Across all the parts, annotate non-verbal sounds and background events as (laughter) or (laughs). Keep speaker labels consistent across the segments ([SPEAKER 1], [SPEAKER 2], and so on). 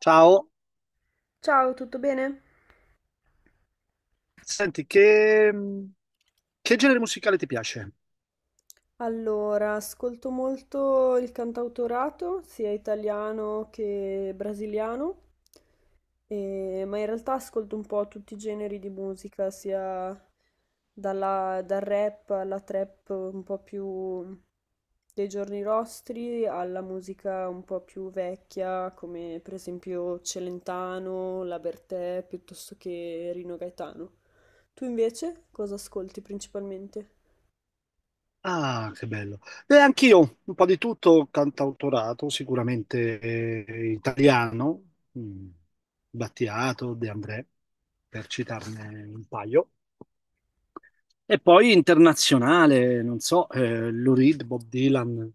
[SPEAKER 1] Ciao,
[SPEAKER 2] Ciao, tutto bene?
[SPEAKER 1] senti, che genere musicale ti piace?
[SPEAKER 2] Allora, ascolto molto il cantautorato, sia italiano che brasiliano, ma in realtà ascolto un po' tutti i generi di musica, sia dal rap alla trap un po' più dei giorni nostri, alla musica un po' più vecchia, come per esempio Celentano, La Bertè, piuttosto che Rino Gaetano. Tu invece cosa ascolti principalmente?
[SPEAKER 1] Ah, che bello. E anch'io, un po' di tutto, cantautorato, sicuramente italiano, mm, Battiato, De André, per citarne un paio. E poi internazionale, non so, Lou Reed, Bob Dylan,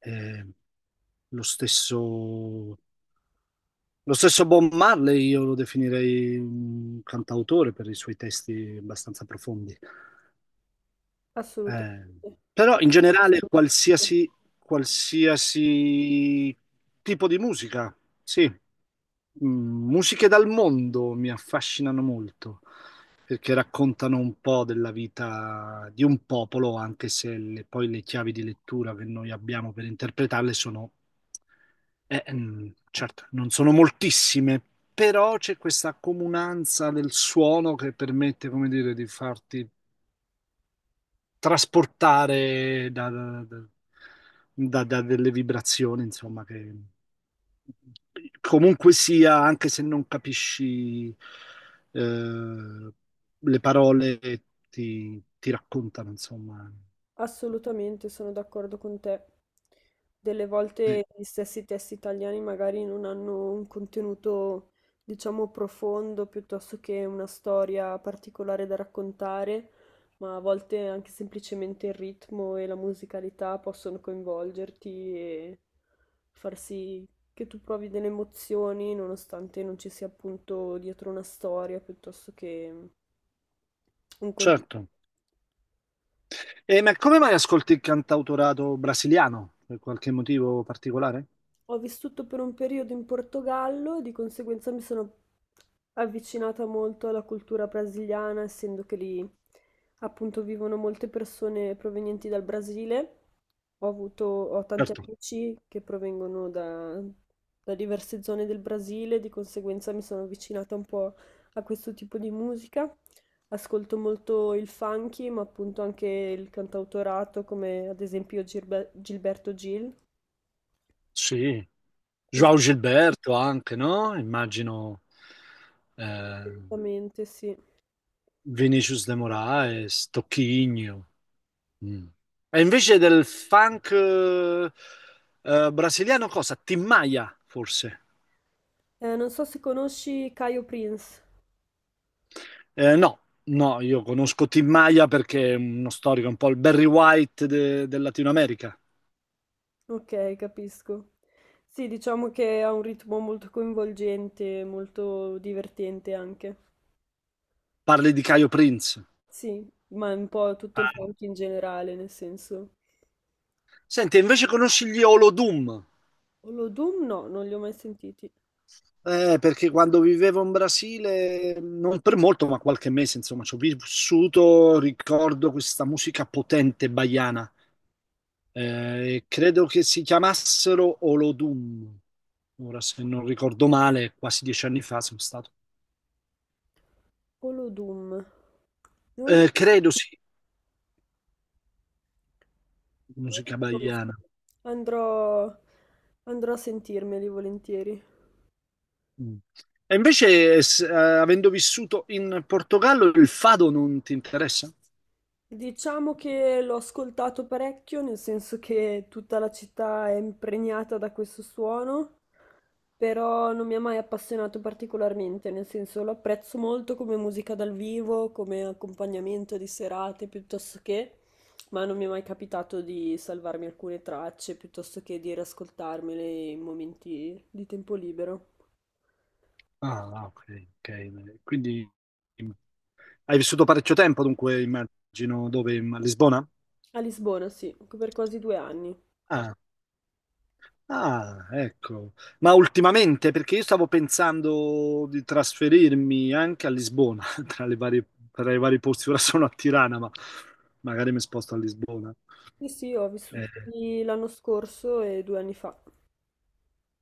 [SPEAKER 1] eh, lo stesso, lo stesso Bob Marley, io lo definirei un cantautore per i suoi testi abbastanza profondi.
[SPEAKER 2] Assolutamente,
[SPEAKER 1] Eh, però in generale qualsiasi tipo di musica, sì. Musiche dal mondo mi affascinano molto perché raccontano un po' della vita di un popolo, anche se poi le chiavi di lettura che noi abbiamo per interpretarle sono, certo, non sono moltissime, però c'è questa comunanza del suono che permette, come dire, di farti trasportare da delle vibrazioni, insomma, che comunque sia, anche se non capisci eh, le parole, ti raccontano, insomma.
[SPEAKER 2] assolutamente sono d'accordo con te. Delle
[SPEAKER 1] Sì,
[SPEAKER 2] volte gli stessi testi italiani magari non hanno un contenuto, diciamo, profondo piuttosto che una storia particolare da raccontare, ma a volte anche semplicemente il ritmo e la musicalità possono coinvolgerti e far sì che tu provi delle emozioni nonostante non ci sia appunto dietro una storia piuttosto che un contenuto.
[SPEAKER 1] certo. E ma come mai ascolti il cantautorato brasiliano? Per qualche motivo particolare?
[SPEAKER 2] Ho vissuto per un periodo in Portogallo, di conseguenza mi sono avvicinata molto alla cultura brasiliana, essendo che lì appunto vivono molte persone provenienti dal Brasile. Ho avuto, ho tanti
[SPEAKER 1] Certo,
[SPEAKER 2] amici che provengono da, da diverse zone del Brasile, di conseguenza mi sono avvicinata un po' a questo tipo di musica. Ascolto molto il funky, ma appunto anche il cantautorato, come ad esempio Gilberto Gil.
[SPEAKER 1] sì. João Gilberto anche, no? Immagino. eh,
[SPEAKER 2] Assolutamente, sì.
[SPEAKER 1] Vinicius de Moraes, Tocchigno. Mm. E invece del funk brasiliano cosa? Tim Maia, forse?
[SPEAKER 2] Non so se conosci Caio Prince.
[SPEAKER 1] No, no, io conosco Tim Maia perché è uno storico, un po' il Barry White del Latino America.
[SPEAKER 2] Ok, capisco. Sì, diciamo che ha un ritmo molto coinvolgente, molto divertente anche.
[SPEAKER 1] Parli di Caio Prince.
[SPEAKER 2] Sì, ma un po' tutto il
[SPEAKER 1] Ah,
[SPEAKER 2] funk in generale, nel senso.
[SPEAKER 1] senti, invece conosci gli Olodum?
[SPEAKER 2] Olodum no, non li ho mai sentiti.
[SPEAKER 1] Perché quando vivevo in Brasile, non per molto, ma qualche mese, insomma, ci ho vissuto, ricordo questa musica potente baiana. Credo che si chiamassero Olodum. Ora, se non ricordo male, quasi 10 anni fa sono stato.
[SPEAKER 2] Olodum, non li,
[SPEAKER 1] Credo sì,
[SPEAKER 2] non li
[SPEAKER 1] musica
[SPEAKER 2] conosco.
[SPEAKER 1] baiana.
[SPEAKER 2] Andrò, andrò a sentirmeli volentieri.
[SPEAKER 1] Mm. E invece, avendo vissuto in Portogallo, il fado non ti interessa?
[SPEAKER 2] Diciamo che l'ho ascoltato parecchio, nel senso che tutta la città è impregnata da questo suono però non mi ha mai appassionato particolarmente, nel senso lo apprezzo molto come musica dal vivo, come accompagnamento di serate piuttosto che, ma non mi è mai capitato di salvarmi alcune tracce piuttosto che di riascoltarmele in momenti di tempo libero.
[SPEAKER 1] Ah, ok, ok. Quindi mm, hai vissuto parecchio tempo, dunque immagino dove? A Lisbona?
[SPEAKER 2] A Lisbona, sì, per quasi 2 anni.
[SPEAKER 1] Ah, ah, ecco. Ma ultimamente, perché io stavo pensando di trasferirmi anche a Lisbona, (laughs) tra le varie, tra i vari posti, ora sono a Tirana, ma magari mi sposto a Lisbona.
[SPEAKER 2] Sì, sì, ho
[SPEAKER 1] Eh,
[SPEAKER 2] vissuto lì l'anno scorso e 2 anni fa.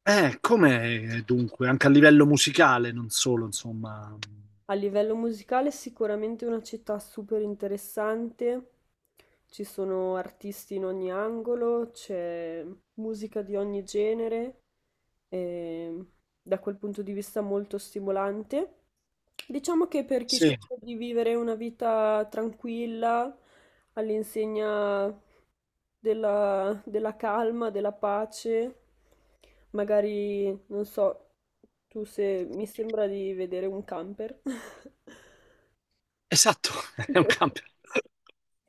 [SPEAKER 1] com'è dunque, anche a livello musicale, non solo, insomma.
[SPEAKER 2] A livello musicale è sicuramente una città super interessante, ci sono artisti in ogni angolo, c'è musica di ogni genere, e da quel punto di vista molto stimolante. Diciamo che per chi
[SPEAKER 1] Sì,
[SPEAKER 2] sceglie di vivere una vita tranquilla, all'insegna della calma, della pace, magari, non so, tu se mi sembra di vedere un camper. (laughs)
[SPEAKER 1] esatto, (laughs) è un cambio.
[SPEAKER 2] (laughs)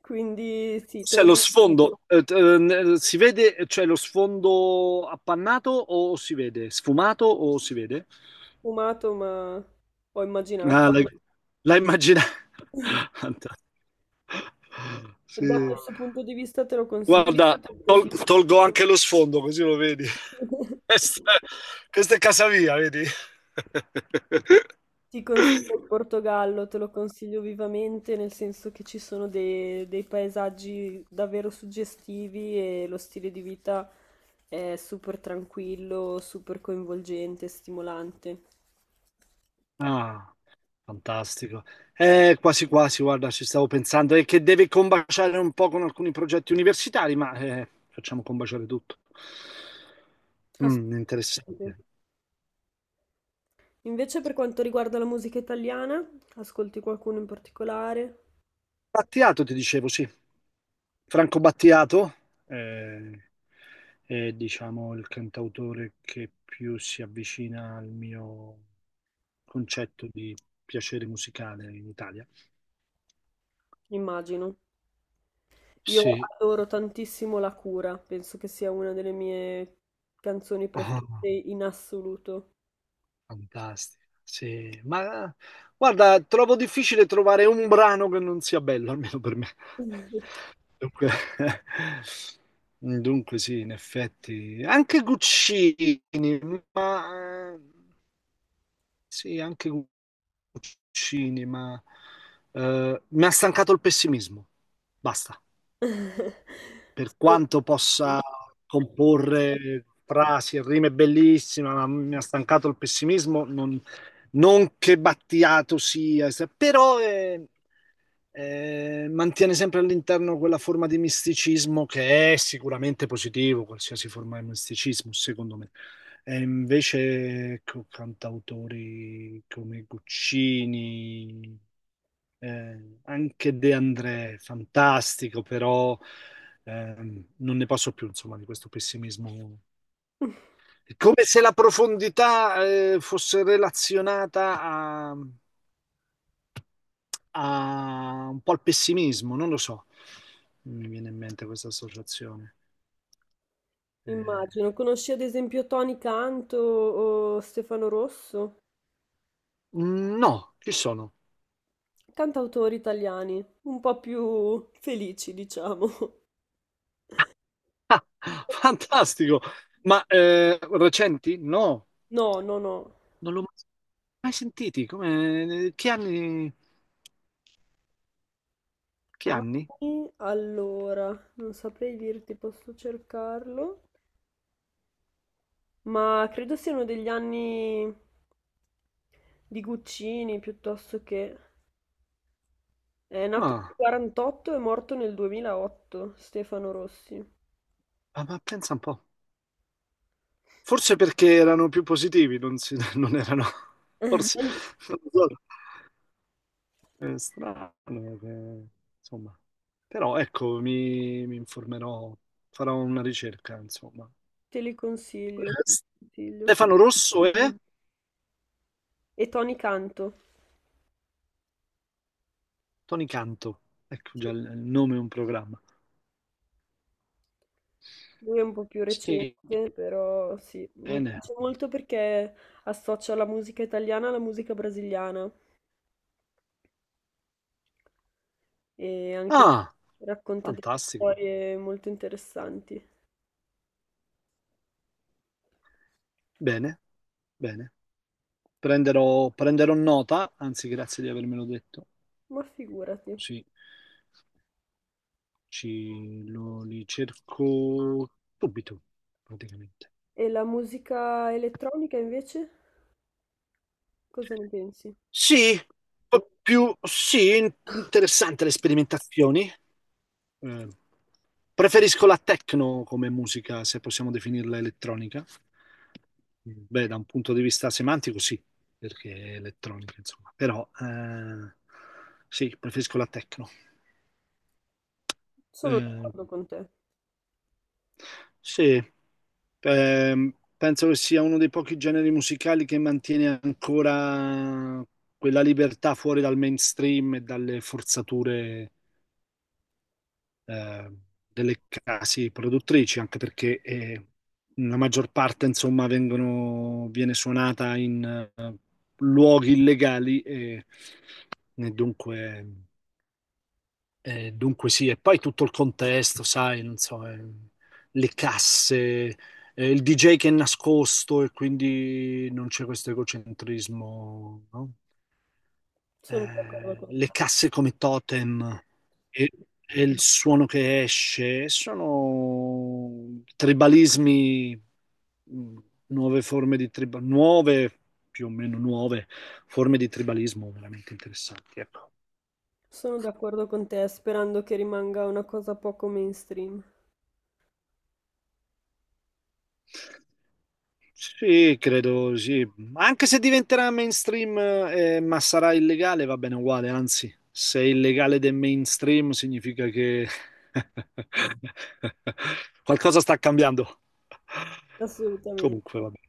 [SPEAKER 2] Quindi sì, te
[SPEAKER 1] Cioè,
[SPEAKER 2] l'ho
[SPEAKER 1] lo sfondo, si vede, cioè lo sfondo appannato o si vede? Sfumato o si vede?
[SPEAKER 2] fumato, ma ho immaginato.
[SPEAKER 1] Ah, l'hai immaginato? (laughs)
[SPEAKER 2] Da
[SPEAKER 1] Sì.
[SPEAKER 2] questo punto di vista te lo consiglio.
[SPEAKER 1] Guarda,
[SPEAKER 2] Molto.
[SPEAKER 1] tolgo anche lo sfondo così lo vedi. (laughs)
[SPEAKER 2] (laughs)
[SPEAKER 1] Questa, questa è casa mia, vedi?
[SPEAKER 2] Ti consiglio
[SPEAKER 1] (laughs)
[SPEAKER 2] il Portogallo, te lo consiglio vivamente, nel senso che ci sono dei paesaggi davvero suggestivi e lo stile di vita è super tranquillo, super coinvolgente, stimolante.
[SPEAKER 1] Ah, fantastico. Quasi quasi, guarda, ci stavo pensando. È che deve combaciare un po' con alcuni progetti universitari, ma facciamo combaciare tutto. Mm, interessante.
[SPEAKER 2] Assolutamente. Invece per quanto riguarda la musica italiana, ascolti qualcuno in particolare?
[SPEAKER 1] Battiato, ti dicevo, sì. Franco Battiato eh, è, diciamo, il cantautore che più si avvicina al mio concetto di piacere musicale in Italia.
[SPEAKER 2] Immagino. Io
[SPEAKER 1] Sì,
[SPEAKER 2] adoro tantissimo La cura, penso che sia una delle mie canzoni preferite
[SPEAKER 1] ah,
[SPEAKER 2] in assoluto.
[SPEAKER 1] fantastico. Sì, ma guarda, trovo difficile trovare un brano che non sia bello, almeno per me.
[SPEAKER 2] (laughs)
[SPEAKER 1] Dunque, (laughs) dunque sì, in effetti, anche Guccini, ma sì, anche cinema. Mi ha stancato il pessimismo. Basta. Per
[SPEAKER 2] Sono-
[SPEAKER 1] quanto possa comporre frasi e rime bellissime, ma mi ha stancato il pessimismo. Non che Battiato sia, però mantiene sempre all'interno quella forma di misticismo che è sicuramente positivo, qualsiasi forma di misticismo, secondo me. E invece, ecco, cantautori come Guccini. Anche De André, fantastico, però non ne posso più, insomma, di questo pessimismo. È come se la profondità fosse relazionata a un po' al pessimismo, non lo so. Mi viene in mente questa associazione. Eh,
[SPEAKER 2] Immagino. Conosci ad esempio Tony Canto o Stefano Rosso?
[SPEAKER 1] no, chi sono?
[SPEAKER 2] Cantautori italiani, un po' più felici, diciamo.
[SPEAKER 1] (laughs)
[SPEAKER 2] Un
[SPEAKER 1] Ah,
[SPEAKER 2] po' più-
[SPEAKER 1] fantastico! Ma recenti? No,
[SPEAKER 2] No, no, no.
[SPEAKER 1] non l'ho mai sentiti. Come? Che anni? Che anni?
[SPEAKER 2] Anni, allora, non saprei dirti, posso cercarlo, ma credo siano degli anni di Guccini piuttosto che... È nato
[SPEAKER 1] Ah.
[SPEAKER 2] nel 48 e morto nel 2008, Stefano Rossi.
[SPEAKER 1] Ah, ma pensa un po'. Forse perché erano più positivi, non, si- (laughs) non erano. Forse.
[SPEAKER 2] (laughs)
[SPEAKER 1] Non lo so. È strano, che- insomma. Però ecco, mi informerò, farò una ricerca, insomma.
[SPEAKER 2] Te li consiglio,
[SPEAKER 1] Eh,
[SPEAKER 2] te li consiglio.
[SPEAKER 1] Stefano Rosso e
[SPEAKER 2] E Tony Canto.
[SPEAKER 1] Tony Canto. Ecco
[SPEAKER 2] Sì,
[SPEAKER 1] già il nome è un programma.
[SPEAKER 2] lui è un po' più
[SPEAKER 1] Sì,
[SPEAKER 2] recente, però sì, mi
[SPEAKER 1] bene.
[SPEAKER 2] piace molto perché associa la musica italiana alla musica brasiliana e anche
[SPEAKER 1] Ah,
[SPEAKER 2] lui racconta delle
[SPEAKER 1] fantastico.
[SPEAKER 2] storie molto interessanti.
[SPEAKER 1] Bene, bene. Prenderò nota, anzi, grazie di avermelo detto.
[SPEAKER 2] Ma figurati.
[SPEAKER 1] Così. Li cerco subito, praticamente.
[SPEAKER 2] E la musica elettronica invece? Cosa ne pensi?
[SPEAKER 1] Sì, un po' più sì, interessante le sperimentazioni. Eh, Preferisco la techno come musica, se possiamo definirla elettronica. Beh, da un punto di vista semantico sì, perché è elettronica, insomma. Però sì, preferisco la techno.
[SPEAKER 2] Sono
[SPEAKER 1] Eh,
[SPEAKER 2] d'accordo con te.
[SPEAKER 1] Sì, penso che sia uno dei pochi generi musicali che mantiene ancora quella libertà fuori dal mainstream e dalle forzature, eh, delle case produttrici, anche perché la maggior parte, insomma, vengono, viene suonata in luoghi illegali e dunque. Dunque sì, e poi tutto il contesto, sai, non so, le casse, il DJ che è nascosto e quindi non c'è questo egocentrismo, no?
[SPEAKER 2] Sono d'accordo
[SPEAKER 1] Eh,
[SPEAKER 2] con te.
[SPEAKER 1] le casse come totem e, e il suono che esce, sono tribalismi, mh, nuove forme di tribalismo, nuove, più o meno nuove forme di tribalismo veramente interessanti, ecco.
[SPEAKER 2] Sono d'accordo con te, sperando che rimanga una cosa poco mainstream.
[SPEAKER 1] Sì, credo sì. Anche se diventerà mainstream, ma sarà illegale, va bene uguale. Anzi, se è illegale del mainstream significa che (laughs) qualcosa sta cambiando.
[SPEAKER 2] Assolutamente.
[SPEAKER 1] Comunque, va bene.